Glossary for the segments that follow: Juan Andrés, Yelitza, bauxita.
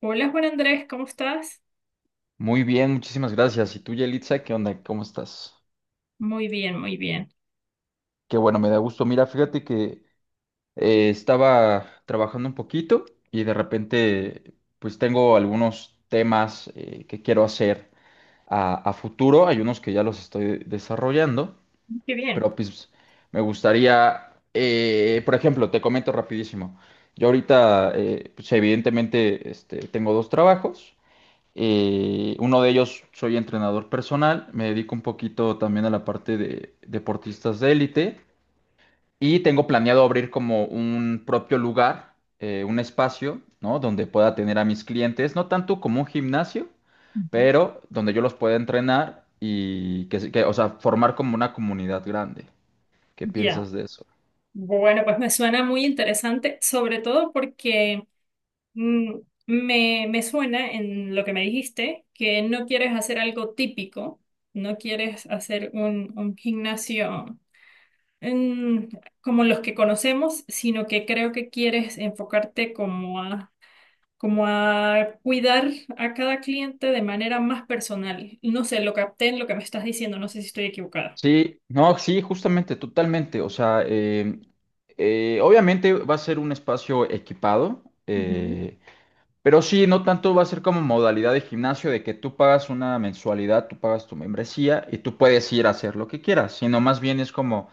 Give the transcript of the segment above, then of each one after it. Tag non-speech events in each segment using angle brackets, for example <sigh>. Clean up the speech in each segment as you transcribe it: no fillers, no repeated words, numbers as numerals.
Hola Juan Andrés, ¿cómo estás? Muy bien, muchísimas gracias. ¿Y tú, Yelitza, qué onda? ¿Cómo estás? Muy bien, muy bien. Qué bueno, me da gusto. Mira, fíjate que estaba trabajando un poquito y de repente, pues tengo algunos temas que quiero hacer a futuro. Hay unos que ya los estoy desarrollando, Qué bien. pero pues me gustaría, por ejemplo, te comento rapidísimo. Yo ahorita, pues evidentemente, este, tengo dos trabajos. Uno de ellos soy entrenador personal, me dedico un poquito también a la parte de deportistas de élite y tengo planeado abrir como un propio lugar, un espacio, ¿no? Donde pueda tener a mis clientes, no tanto como un gimnasio, Ujú. pero donde yo los pueda entrenar y que, o sea, formar como una comunidad grande. ¿Qué Ya. piensas de eso? Bueno, pues me suena muy interesante, sobre todo porque mm, me suena en lo que me dijiste, que no quieres hacer algo típico, no quieres hacer un gimnasio mm, como los que conocemos, sino que creo que quieres enfocarte como a como a cuidar a cada cliente de manera más personal. No sé, lo capté en lo que me estás diciendo, no sé si estoy equivocada. Sí, no, sí, justamente, totalmente. O sea, obviamente va a ser un espacio equipado. Ujú. Pero sí, no tanto va a ser como modalidad de gimnasio de que tú pagas una mensualidad, tú pagas tu membresía y tú puedes ir a hacer lo que quieras, sino más bien es como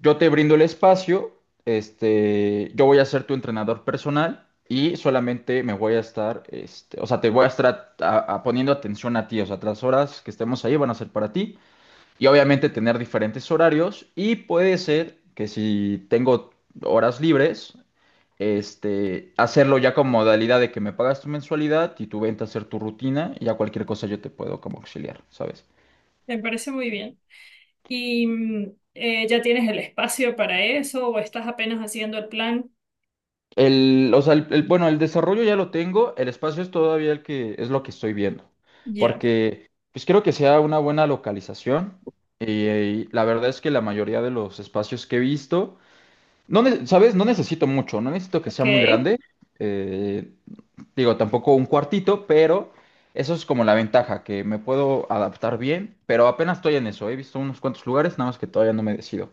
yo te brindo el espacio, este, yo voy a ser tu entrenador personal y solamente me voy a estar, este, o sea, te voy a estar poniendo atención a ti, o sea, las horas que estemos ahí van a ser para ti y obviamente tener diferentes horarios y puede ser que si tengo horas libres, este, hacerlo ya con modalidad de que me pagas tu mensualidad y tú vente a hacer tu rutina y ya cualquier cosa yo te puedo como auxiliar, ¿sabes? Me parece muy bien. ¿Y ya tienes el espacio para eso o estás apenas haciendo el plan? El, o sea, el- Bueno, el desarrollo ya lo tengo, el espacio es todavía el que es lo que estoy viendo, Ya, porque pues quiero que sea una buena localización y la verdad es que la mayoría de los espacios que he visto, ¿sabes? No necesito mucho, no necesito que sea ok. muy grande. eh, Digo, tampoco un cuartito, pero eso es como la ventaja, que me puedo adaptar bien, pero apenas estoy en eso. He visto unos cuantos lugares, nada más que todavía no me decido.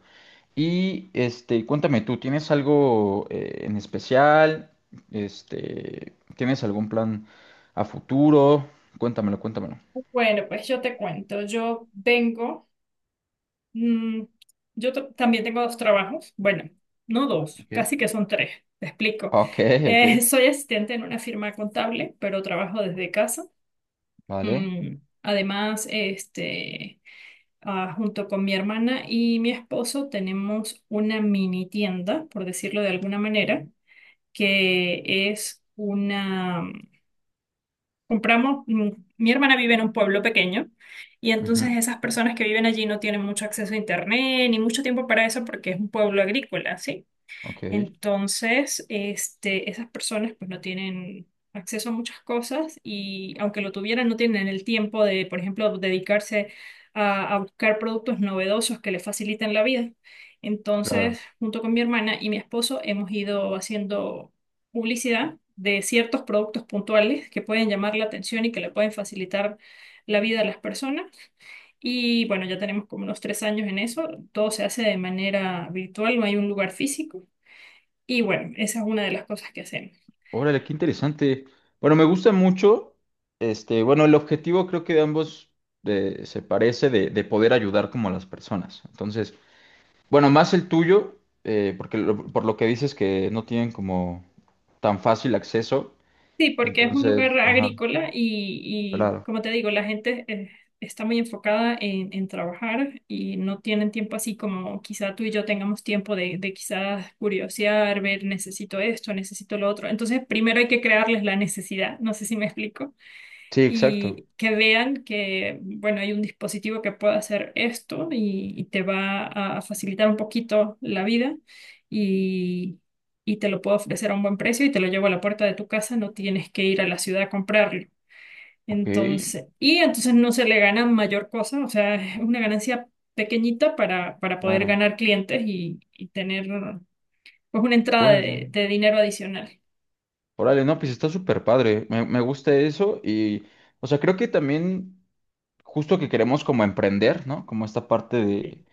Y este, cuéntame tú, ¿tienes algo en especial? Este, ¿tienes algún plan a futuro? Cuéntamelo, cuéntamelo. Bueno, pues yo te cuento. Yo vengo, mm, también tengo dos trabajos. Bueno, no dos, Ok. casi que son tres. Te explico. Ok, ok, <laughs> soy asistente en una firma contable, pero trabajo desde casa. vale. Mm, Además, junto con mi hermana y mi esposo tenemos una mini tienda, por decirlo de alguna manera, que es una... Compramos, mi hermana vive en un pueblo pequeño y entonces Ujú, esas personas que viven allí no tienen mucho acceso a internet ni mucho tiempo para eso porque es un pueblo agrícola, ¿sí? ok, Entonces, esas personas pues no tienen acceso a muchas cosas y aunque lo tuvieran, no tienen el tiempo de, por ejemplo, dedicarse a buscar productos novedosos que les faciliten la vida. claro. Entonces, junto con mi hermana y mi esposo, hemos ido haciendo publicidad de ciertos productos puntuales que pueden llamar la atención y que le pueden facilitar la vida a las personas. Y bueno, ya tenemos como unos 3 años en eso. Todo se hace de manera virtual, no hay un lugar físico. Y bueno, esa es una de las cosas que hacemos. Órale, qué interesante. Bueno, me gusta mucho. Este, bueno, el objetivo creo que de ambos se parece de poder ayudar como a las personas. Entonces, bueno, más el tuyo, porque por lo que dices que no tienen como tan fácil acceso. Sí, porque es un lugar Entonces, ajá, agrícola y claro. como te digo, la gente está muy enfocada en trabajar y no tienen tiempo así como quizá tú y yo tengamos tiempo de quizás curiosear, ver, necesito esto, necesito lo otro. Entonces, primero hay que crearles la necesidad, no sé si me explico. Sí, exacto. Y que vean que, bueno, hay un dispositivo que puede hacer esto y te va a facilitar un poquito la vida y, y te lo puedo ofrecer a un buen precio y te lo llevo a la puerta de tu casa, no tienes que ir a la ciudad a comprarlo. Ok, Entonces, y entonces no se le gana mayor cosa, o sea, es una ganancia pequeñita para poder claro. ganar clientes y tener pues una entrada Órale. De dinero adicional. Órale, no, pues está súper padre. Me gusta eso y, o sea, creo que también. Justo que queremos como emprender, ¿no? Como esta parte de Sí.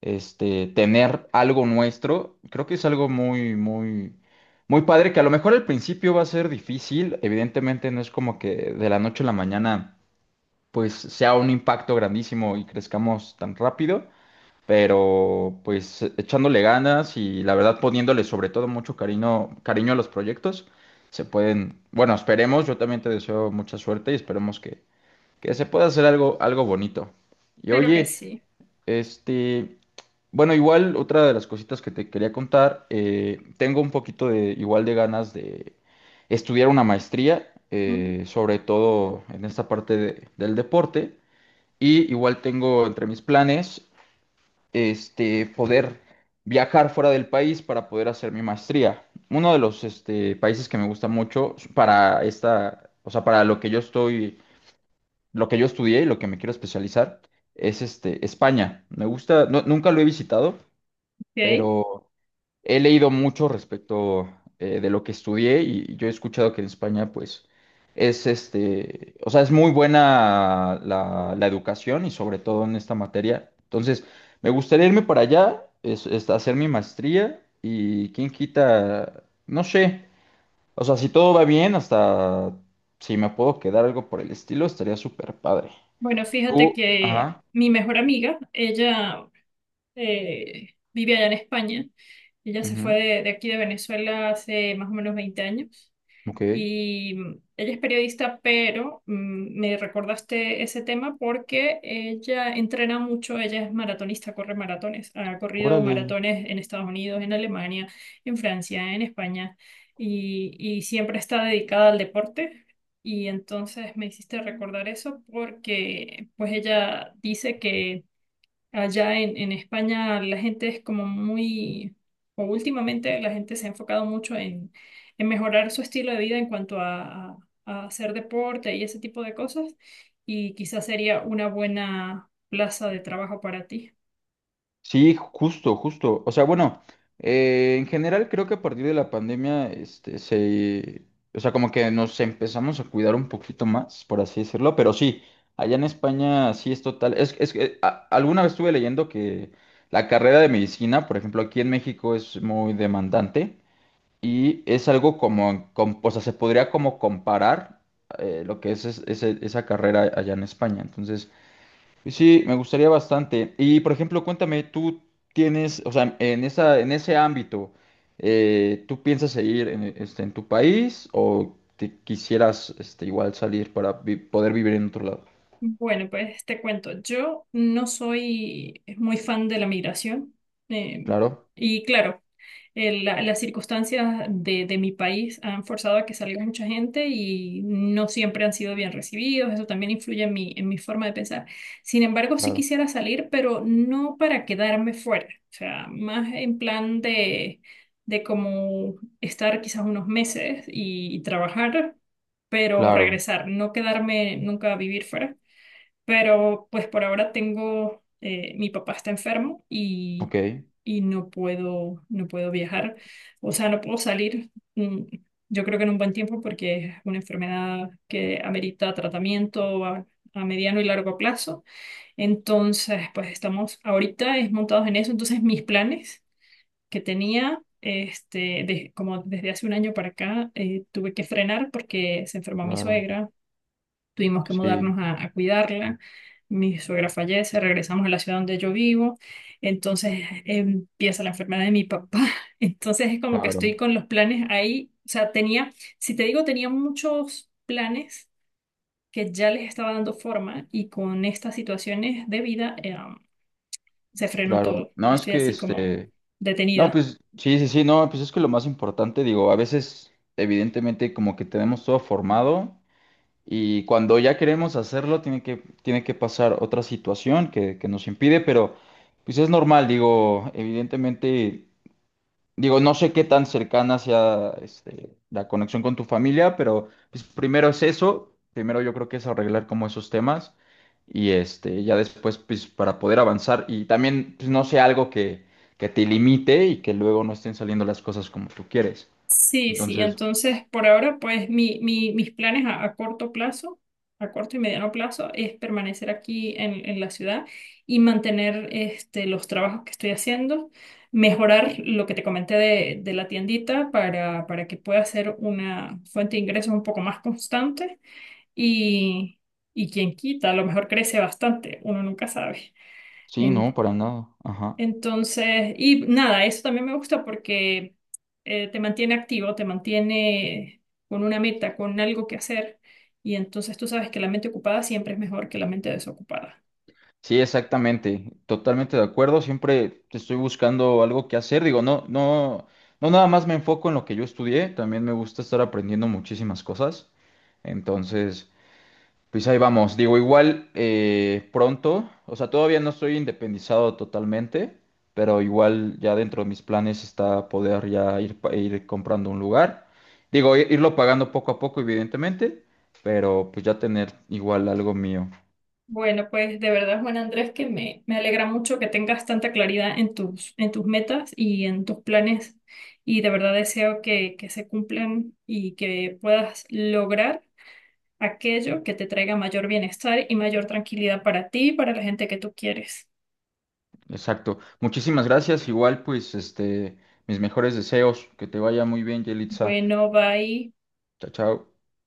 este tener algo nuestro, creo que es algo muy padre, que a lo mejor al principio va a ser difícil, evidentemente no es como que de la noche a la mañana pues sea un impacto grandísimo y crezcamos tan rápido, pero pues echándole ganas y la verdad poniéndole sobre todo mucho cariño, cariño a los proyectos, se pueden, bueno, esperemos, yo también te deseo mucha suerte y esperemos que se pueda hacer algo, algo bonito. Y Claro que oye, sí. este, bueno, igual otra de las cositas que te quería contar, tengo un poquito de, igual de ganas de estudiar una maestría, Mm, sobre todo en esta parte del deporte, y igual tengo entre mis planes, este, poder viajar fuera del país para poder hacer mi maestría. Uno de los, este, países que me gusta mucho para esta, o sea, para lo que yo estoy lo que yo estudié y lo que me quiero especializar es este, España. Me gusta, nunca lo he visitado, Ok. pero he leído mucho respecto de lo que estudié y yo he escuchado que en España, pues, es este, o sea, es muy buena la educación y sobre todo en esta materia. Entonces, me gustaría irme para allá, es hacer mi maestría y quién quita, no sé, o sea, si todo va bien, hasta si me puedo quedar algo por el estilo, estaría súper padre. Bueno, fíjate Tú, que ajá, mi mejor amiga, ella vive allá en España. Ella se fue ujú, de aquí de Venezuela hace más o menos 20 años. ok, Y ella es periodista, pero me recordaste ese tema porque ella entrena mucho, ella es maratonista, corre maratones, ha corrido órale. maratones en Estados Unidos, en Alemania, en Francia, en España, y siempre está dedicada al deporte. Y entonces me hiciste recordar eso porque pues ella dice que allá en España la gente es como muy, o últimamente la gente se ha enfocado mucho en mejorar su estilo de vida en cuanto a, a hacer deporte y ese tipo de cosas, y quizás sería una buena plaza de trabajo para ti. Sí, justo, justo. O sea, bueno, en general creo que a partir de la pandemia, este, se, o sea, como que nos empezamos a cuidar un poquito más, por así decirlo, pero sí, allá en España sí es total. Es que alguna vez estuve leyendo que la carrera de medicina, por ejemplo, aquí en México es muy demandante y es algo como, o sea, se podría como comparar lo que es, esa carrera allá en España. Entonces, sí, me gustaría bastante. Y por ejemplo, cuéntame, tú tienes, o sea, en esa, en ese ámbito, ¿tú piensas seguir en, este, en tu país o te quisieras este, igual salir para poder vivir en otro lado? Bueno, pues te cuento, yo no soy muy fan de la migración eh, Claro, y claro, las circunstancias de mi país han forzado a que salga mucha gente y no siempre han sido bien recibidos, eso también influye en mi forma de pensar. Sin embargo, sí claro, quisiera salir, pero no para quedarme fuera, o sea, más en plan de como estar quizás unos meses y trabajar, pero claro, regresar, no quedarme nunca a vivir fuera. Pero pues por ahora tengo, mi papá está enfermo ok, y no puedo, no puedo viajar, o sea, no puedo salir, yo creo que en un buen tiempo porque es una enfermedad que amerita tratamiento a mediano y largo plazo. Entonces, pues estamos ahorita es montados en eso. Entonces, mis planes que tenía, como desde hace un año para acá, tuve que frenar porque se enfermó mi claro, suegra, tuvimos que sí, mudarnos a cuidarla. Mi suegra fallece, regresamos a la ciudad donde yo vivo, entonces empieza la enfermedad de mi papá. <laughs> Entonces es como que estoy claro, con los planes ahí. O sea, tenía, si te digo, tenía muchos planes que ya les estaba dando forma y con estas situaciones de vida se frenó claro. todo. No, es Estoy que así como este, no, detenida. pues sí, sí, sí, no, pues es que lo más importante, digo, a veces, evidentemente, como que tenemos todo formado. Y cuando ya queremos hacerlo, tiene que pasar otra situación que nos impide, pero pues es normal, digo, evidentemente, digo, no sé qué tan cercana sea este, la conexión con tu familia, pero pues primero es eso, primero yo creo que es arreglar como esos temas y este, ya después pues para poder avanzar y también pues no sea algo que te limite y que luego no estén saliendo las cosas como tú quieres. Sí, sí, Entonces, entonces por ahora pues mis planes a corto plazo, a corto y mediano plazo es permanecer aquí en la ciudad y mantener este, los trabajos que estoy haciendo, mejorar lo que te comenté de la tiendita para que pueda ser una fuente de ingresos un poco más constante y, y quien quita, a lo mejor crece bastante, uno nunca sabe. sí, no, para nada. Ajá. Entonces, y nada, eso también me gusta porque te mantiene activo, te mantiene con una meta, con algo que hacer. Y entonces tú sabes que la mente ocupada siempre es mejor que la mente desocupada. Sí, exactamente, totalmente de acuerdo. Siempre estoy buscando algo que hacer. Digo, no, no, no nada más me enfoco en lo que yo estudié, también me gusta estar aprendiendo muchísimas cosas. Entonces, pues ahí vamos. Digo, igual pronto, o sea, todavía no estoy independizado totalmente, pero igual ya dentro de mis planes está poder ya ir, ir comprando un lugar. Digo, irlo pagando poco a poco, evidentemente, pero pues ya tener igual algo mío. Bueno, pues de verdad, Juan Andrés, que me alegra mucho que tengas tanta claridad en tus metas y en tus planes. Y de verdad deseo que se cumplan y que puedas lograr aquello que te traiga mayor bienestar y mayor tranquilidad para ti y para la gente que tú quieres. Exacto. Muchísimas gracias. Igual, pues, este, mis mejores deseos. Que te vaya muy bien, Yelitza. Bueno, bye. Chao, chao.